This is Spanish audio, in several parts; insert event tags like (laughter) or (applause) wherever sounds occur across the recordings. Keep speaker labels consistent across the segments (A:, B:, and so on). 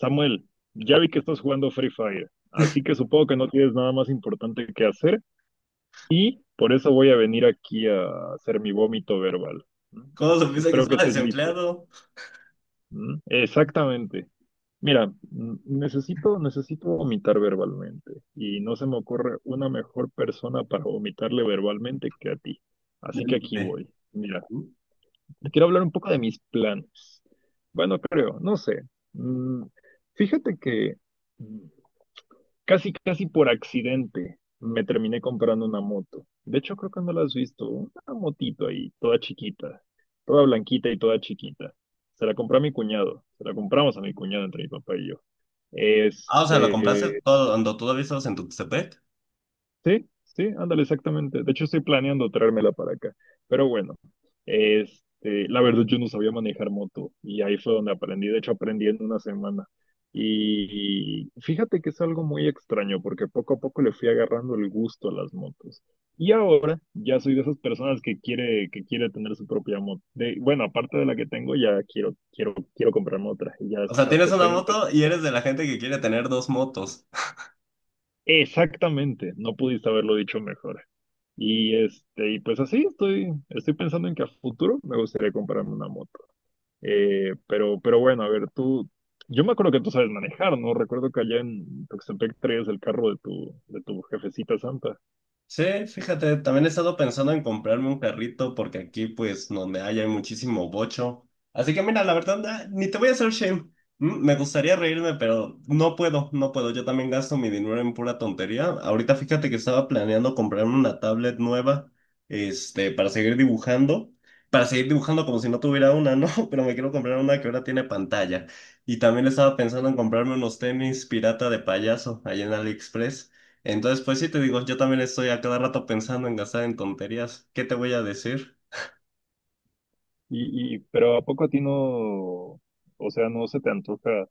A: Samuel, ya vi que estás jugando Free Fire, así que supongo que no tienes nada más importante que hacer y por eso voy a venir aquí a hacer mi vómito verbal. ¿Mm?
B: ¿Cómo supiste que
A: Espero que
B: estaba
A: estés listo.
B: desempleado?
A: ¿Mm? Exactamente. Mira, necesito vomitar verbalmente y no se me ocurre una mejor persona para vomitarle verbalmente que a ti.
B: Ya
A: Así que aquí
B: entendí.
A: voy. Mira, te quiero hablar un poco de mis planes. Bueno, creo, no sé. Mm, Fíjate que. mm, Casi, casi por accidente me terminé comprando una moto. De hecho, creo que no la has visto. Una motito ahí, toda chiquita, toda blanquita y toda chiquita. Se la compré a mi cuñado. Se la compramos a mi cuñado entre mi papá y yo.
B: Ah, o sea, lo compraste
A: Este,
B: todo, cuando todavía estabas en tu Tuxtepec.
A: Sí, sí, ándale, exactamente. De hecho, estoy planeando traérmela para acá. Pero bueno, la verdad yo no sabía manejar moto y ahí fue donde aprendí. De hecho, aprendí en una semana. Y fíjate que es algo muy extraño porque poco a poco le fui agarrando el gusto a las motos. Y ahora ya soy de esas personas que quiere tener su propia moto. Bueno, aparte de la que tengo, ya quiero comprarme otra. Y ya
B: O sea,
A: hasta
B: tienes una
A: estoy empezando.
B: moto y eres de la gente que quiere tener dos motos.
A: Exactamente, no pudiste haberlo dicho mejor. Y y pues así estoy pensando en que a futuro me gustaría comprarme una moto. Pero bueno, a ver, tú, yo me acuerdo que tú sabes manejar, ¿no? Recuerdo que allá en Tuxtepec traías el carro de tu jefecita santa.
B: Sí, fíjate, también he estado pensando en comprarme un carrito porque aquí, pues, donde hay muchísimo bocho. Así que mira, la verdad, ah, ni te voy a hacer shame. Me gustaría reírme, pero no puedo, no puedo. Yo también gasto mi dinero en pura tontería. Ahorita fíjate que estaba planeando comprarme una tablet nueva, este, para seguir dibujando. Para seguir dibujando como si no tuviera una, ¿no? (laughs) Pero me quiero comprar una que ahora tiene pantalla. Y también estaba pensando en comprarme unos tenis pirata de payaso allá en AliExpress. Entonces, pues sí, te digo, yo también estoy a cada rato pensando en gastar en tonterías. ¿Qué te voy a decir?
A: Pero ¿a poco a ti no, o sea, no se te antoja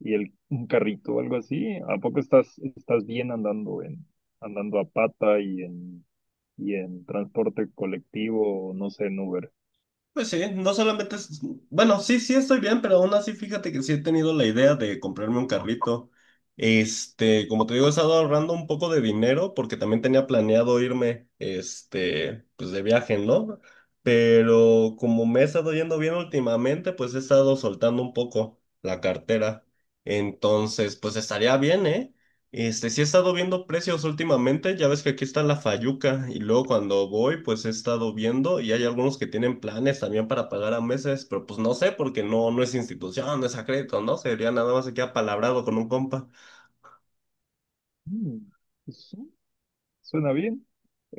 A: un carrito o algo así? ¿A poco estás bien andando a pata y en transporte colectivo, no sé, en Uber?
B: Pues sí, no solamente es... Bueno, sí, sí estoy bien, pero aún así fíjate que sí he tenido la idea de comprarme un carrito. Este, como te digo, he estado ahorrando un poco de dinero porque también tenía planeado irme, este, pues de viaje, ¿no? Pero como me he estado yendo bien últimamente, pues he estado soltando un poco la cartera. Entonces, pues estaría bien, ¿eh? Este, sí he estado viendo precios últimamente, ya ves que aquí está la Fayuca y luego cuando voy pues he estado viendo y hay algunos que tienen planes también para pagar a meses, pero pues no sé porque no, no es institución, no es a crédito, ¿no? Sería nada más aquí apalabrado con un compa
A: Mm, pues, sí. Suena bien.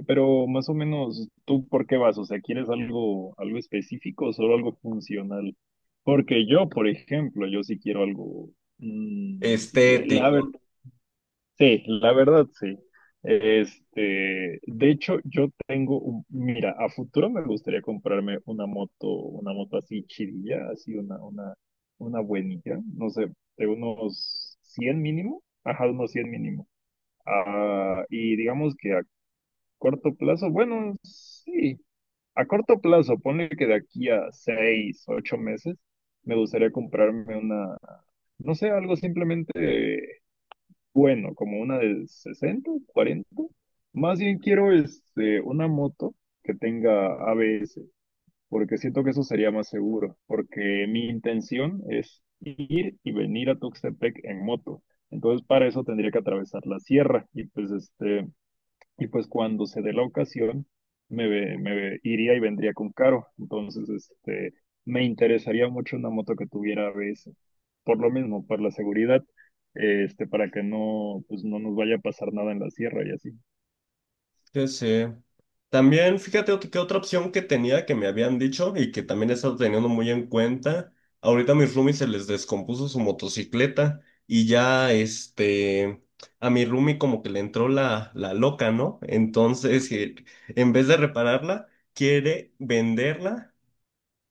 A: Pero más o menos, ¿tú por qué vas? O sea, ¿quieres algo específico o solo algo funcional? Porque yo, por ejemplo, yo sí quiero algo. mm, la ver-
B: estético.
A: sí, la verdad, sí. De hecho, yo tengo mira, a futuro me gustaría comprarme una moto así chidilla, así una buenilla, no sé, de unos 100 mínimo, ajá, unos 100 mínimo. Ah, y digamos que corto plazo, bueno, sí. A corto plazo, ponle que de aquí a 6, 8 meses, me gustaría comprarme una, no sé, algo simplemente bueno, como una de 60 40. Más bien quiero una moto que tenga ABS, porque siento que eso sería más seguro, porque mi intención es ir y venir a Tuxtepec en moto. Entonces, para eso tendría que atravesar la sierra y pues y pues cuando se dé la ocasión, iría y vendría con Caro. Entonces, me interesaría mucho una moto que tuviera ABS. Por lo mismo, por la seguridad, para que no, pues no nos vaya a pasar nada en la sierra y así.
B: Sí, sí. También, fíjate que otra opción que tenía que me habían dicho y que también he estado teniendo muy en cuenta, ahorita a mis roomies se les descompuso su motocicleta y ya este, a mi roomie como que le entró la loca, ¿no? Entonces, en vez de repararla, quiere venderla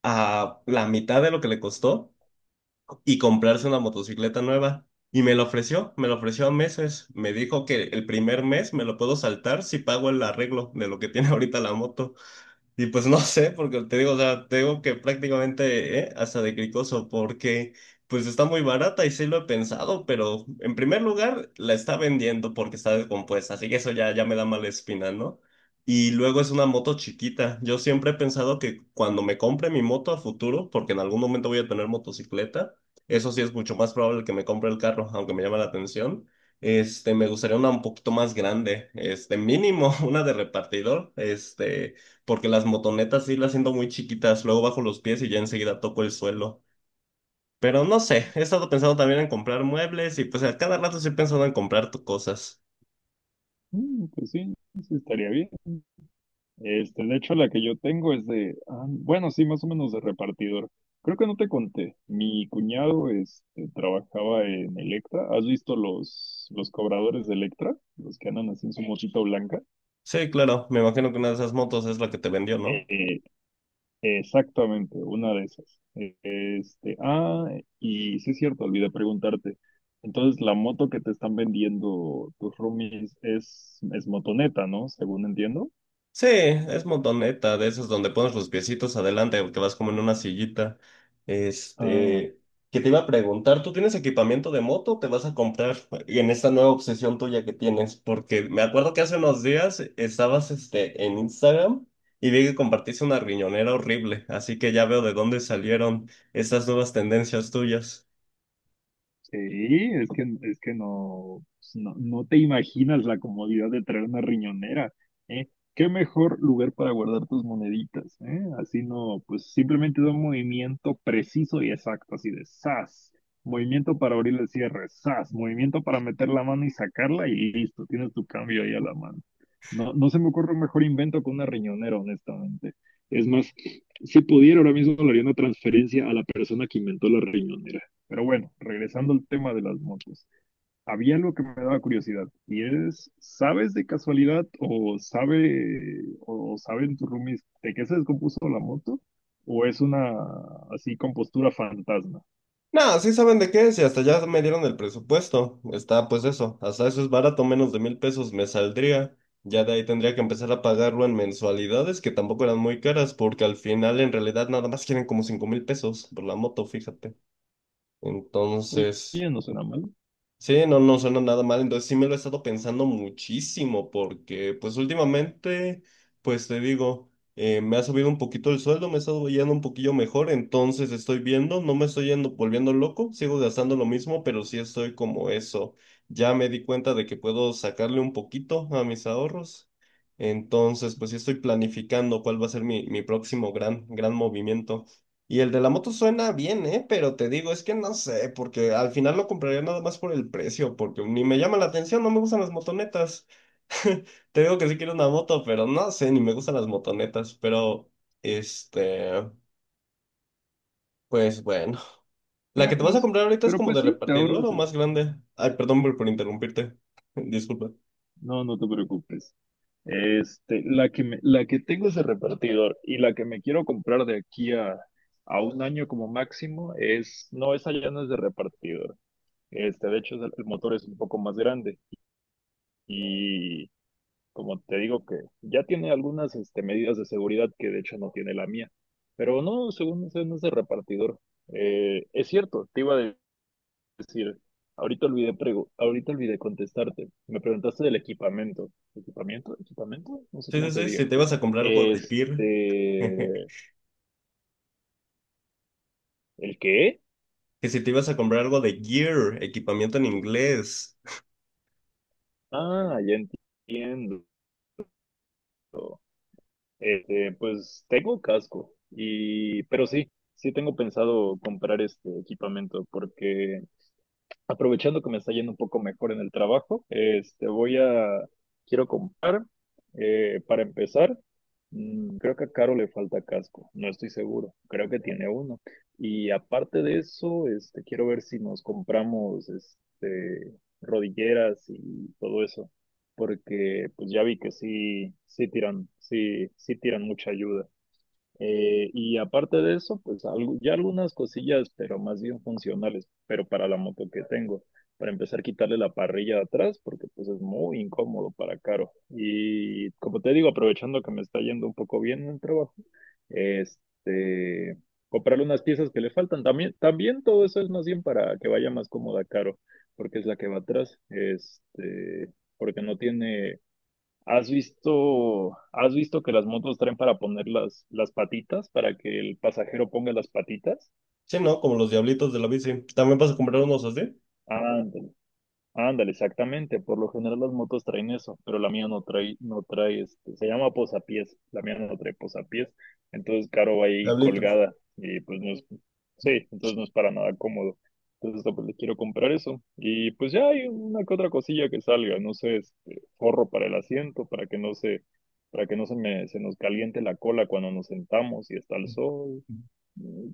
B: a la mitad de lo que le costó y comprarse una motocicleta nueva. Y me lo ofreció a meses. Me dijo que el primer mes me lo puedo saltar si pago el arreglo de lo que tiene ahorita la moto. Y pues no (laughs) sé, porque te digo, o sea, te digo que prácticamente hasta de cricoso, porque pues está muy barata y sí lo he pensado, pero en primer lugar la está vendiendo porque está descompuesta, así que eso ya, ya me da mala espina, ¿no? Y luego es una moto chiquita. Yo siempre he pensado que cuando me compre mi moto a futuro, porque en algún momento voy a tener motocicleta, eso sí es mucho más probable que me compre el carro, aunque me llama la atención. Este, me gustaría una un poquito más grande, este, mínimo (laughs) una de repartidor, este porque las motonetas sí las siento muy chiquitas, luego bajo los pies y ya enseguida toco el suelo. Pero no sé, he estado pensando también en comprar muebles y pues a cada rato estoy pensando en comprar cosas.
A: Mm, pues sí, sí estaría bien. De hecho, la que yo tengo es de, bueno, sí, más o menos de repartidor. Creo que no te conté. Mi cuñado, trabajaba en Electra. ¿Has visto los cobradores de Electra? Los que andan así en su motito blanca.
B: Sí, claro, me imagino que una de esas motos es la que te vendió, ¿no?
A: Eh, Exactamente, una de esas. Y sí es cierto, olvidé preguntarte. Entonces, la moto que te están vendiendo tus roomies es motoneta, ¿no? Según entiendo.
B: Sí, es montoneta, de esas donde pones los piecitos adelante, que vas como en una sillita.
A: Ah,
B: Este, que te iba a preguntar, ¿tú tienes equipamiento de moto o te vas a comprar en esta nueva obsesión tuya que tienes? Porque me acuerdo que hace unos días estabas este, en Instagram y vi que compartiste una riñonera horrible, así que ya veo de dónde salieron estas nuevas tendencias tuyas.
A: Sí, es que no, pues, no, no te imaginas la comodidad de traer una riñonera, ¿eh? Qué mejor lugar para guardar tus moneditas, ¿eh? Así no, pues simplemente da un movimiento preciso y exacto, así de ¡zas! Movimiento para abrir el cierre, ¡zas! Movimiento para meter la mano y sacarla y listo, tienes tu cambio ahí a la mano. No, no se me ocurre un mejor invento que una riñonera, honestamente. Es más, si pudiera, ahora mismo le haría una transferencia a la persona que inventó la riñonera. Pero bueno, regresando al tema de las motos, había algo que me daba curiosidad y es, ¿sabes de casualidad o sabe o saben tus roomies de qué se descompuso la moto? ¿O es una así compostura fantasma?
B: No, sí saben de qué es y hasta ya me dieron el presupuesto. Está pues eso, hasta eso es barato, menos de $1,000 me saldría. Ya de ahí tendría que empezar a pagarlo en mensualidades que tampoco eran muy caras porque al final en realidad nada más quieren como $5,000 por la moto, fíjate.
A: Oye,
B: Entonces...
A: no suena mal,
B: Sí, no, no suena nada mal, entonces sí me lo he estado pensando muchísimo porque pues últimamente, pues te digo, me ha subido un poquito el sueldo, me he estado yendo un poquillo mejor, entonces estoy viendo, no me estoy yendo volviendo loco, sigo gastando lo mismo, pero sí estoy como eso, ya me di cuenta de que puedo sacarle un poquito a mis ahorros, entonces pues sí estoy planificando cuál va a ser mi próximo gran, gran movimiento. Y el de la moto suena bien, ¿eh? Pero te digo, es que no sé, porque al final lo compraría nada más por el precio, porque ni me llama la atención, no me gustan las motonetas. (laughs) Te digo que sí quiero una moto, pero no sé, ni me gustan las motonetas, pero este, pues bueno. ¿La que
A: pero
B: te vas a
A: pues,
B: comprar ahorita es
A: pero
B: como
A: pues
B: de
A: sí, te
B: repartidor
A: ahorras
B: o
A: eso.
B: más grande? Ay, perdón por interrumpirte. (laughs) Disculpa.
A: No, no te preocupes. La que tengo es de repartidor y la que me quiero comprar de aquí a un año como máximo es, no, esa ya no es de repartidor. De hecho, el motor es un poco más grande y como te digo que ya tiene algunas medidas de seguridad que de hecho no tiene la mía, pero no, según sé, no es de repartidor. Es cierto, te iba a decir, ahorita olvidé contestarte. Me preguntaste del equipamiento. ¿Equipamiento? ¿Equipamiento? No sé
B: Sí,
A: cómo
B: sí,
A: se
B: sí, si
A: diga.
B: te ibas a comprar algo de Gear. (laughs)
A: Este, ¿El qué?
B: Que si te ibas a comprar algo de Gear, equipamiento en inglés.
A: Ya entiendo. Pues tengo casco pero sí, sí tengo pensado comprar este equipamiento porque aprovechando que me está yendo un poco mejor en el trabajo, quiero comprar, para empezar, creo que a Caro le falta casco, no estoy seguro, creo que tiene uno. Y aparte de eso, quiero ver si nos compramos, rodilleras y todo eso, porque pues ya vi que sí, sí tiran mucha ayuda. Y aparte de eso, pues ya algunas cosillas, pero más bien funcionales, pero para la moto que tengo. Para empezar, quitarle la parrilla de atrás, porque pues es muy incómodo para Caro. Y como te digo, aprovechando que me está yendo un poco bien en el trabajo, este, comprarle unas piezas que le faltan. También, también todo eso es más bien para que vaya más cómoda Caro, porque es la que va atrás. Porque no tiene. Has visto que las motos traen para poner las patitas, para que el pasajero ponga las patitas?
B: Sí, ¿no? Como los diablitos de la bici. ¿También vas a comprar unos así?
A: Ah, Ándale, exactamente. Por lo general las motos traen eso, pero la mía no trae, se llama posapiés. La mía no trae posapiés. Entonces, Caro va ahí
B: Diablitos.
A: colgada y pues no es, sí, entonces no es para nada cómodo. Entonces, pues le quiero comprar eso. Y pues ya hay una que otra cosilla que salga, no sé, forro para el asiento, para que no se, para que no se me, se nos caliente la cola cuando nos sentamos y está el sol.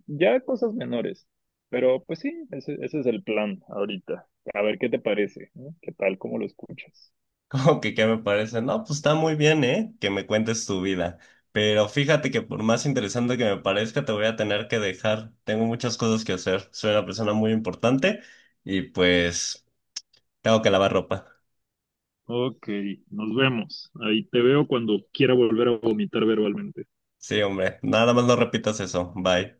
A: Ya cosas menores. Pero pues sí, ese es el plan ahorita. A ver qué te parece, ¿no? ¿Qué tal? ¿Cómo lo escuchas?
B: ¿Como que qué me parece? No, pues está muy bien, ¿eh? Que me cuentes tu vida. Pero fíjate que por más interesante que me parezca, te voy a tener que dejar. Tengo muchas cosas que hacer. Soy una persona muy importante y pues tengo que lavar ropa.
A: Ok, nos vemos. Ahí te veo cuando quiera volver a vomitar verbalmente.
B: Sí, hombre. Nada más no repitas eso. Bye.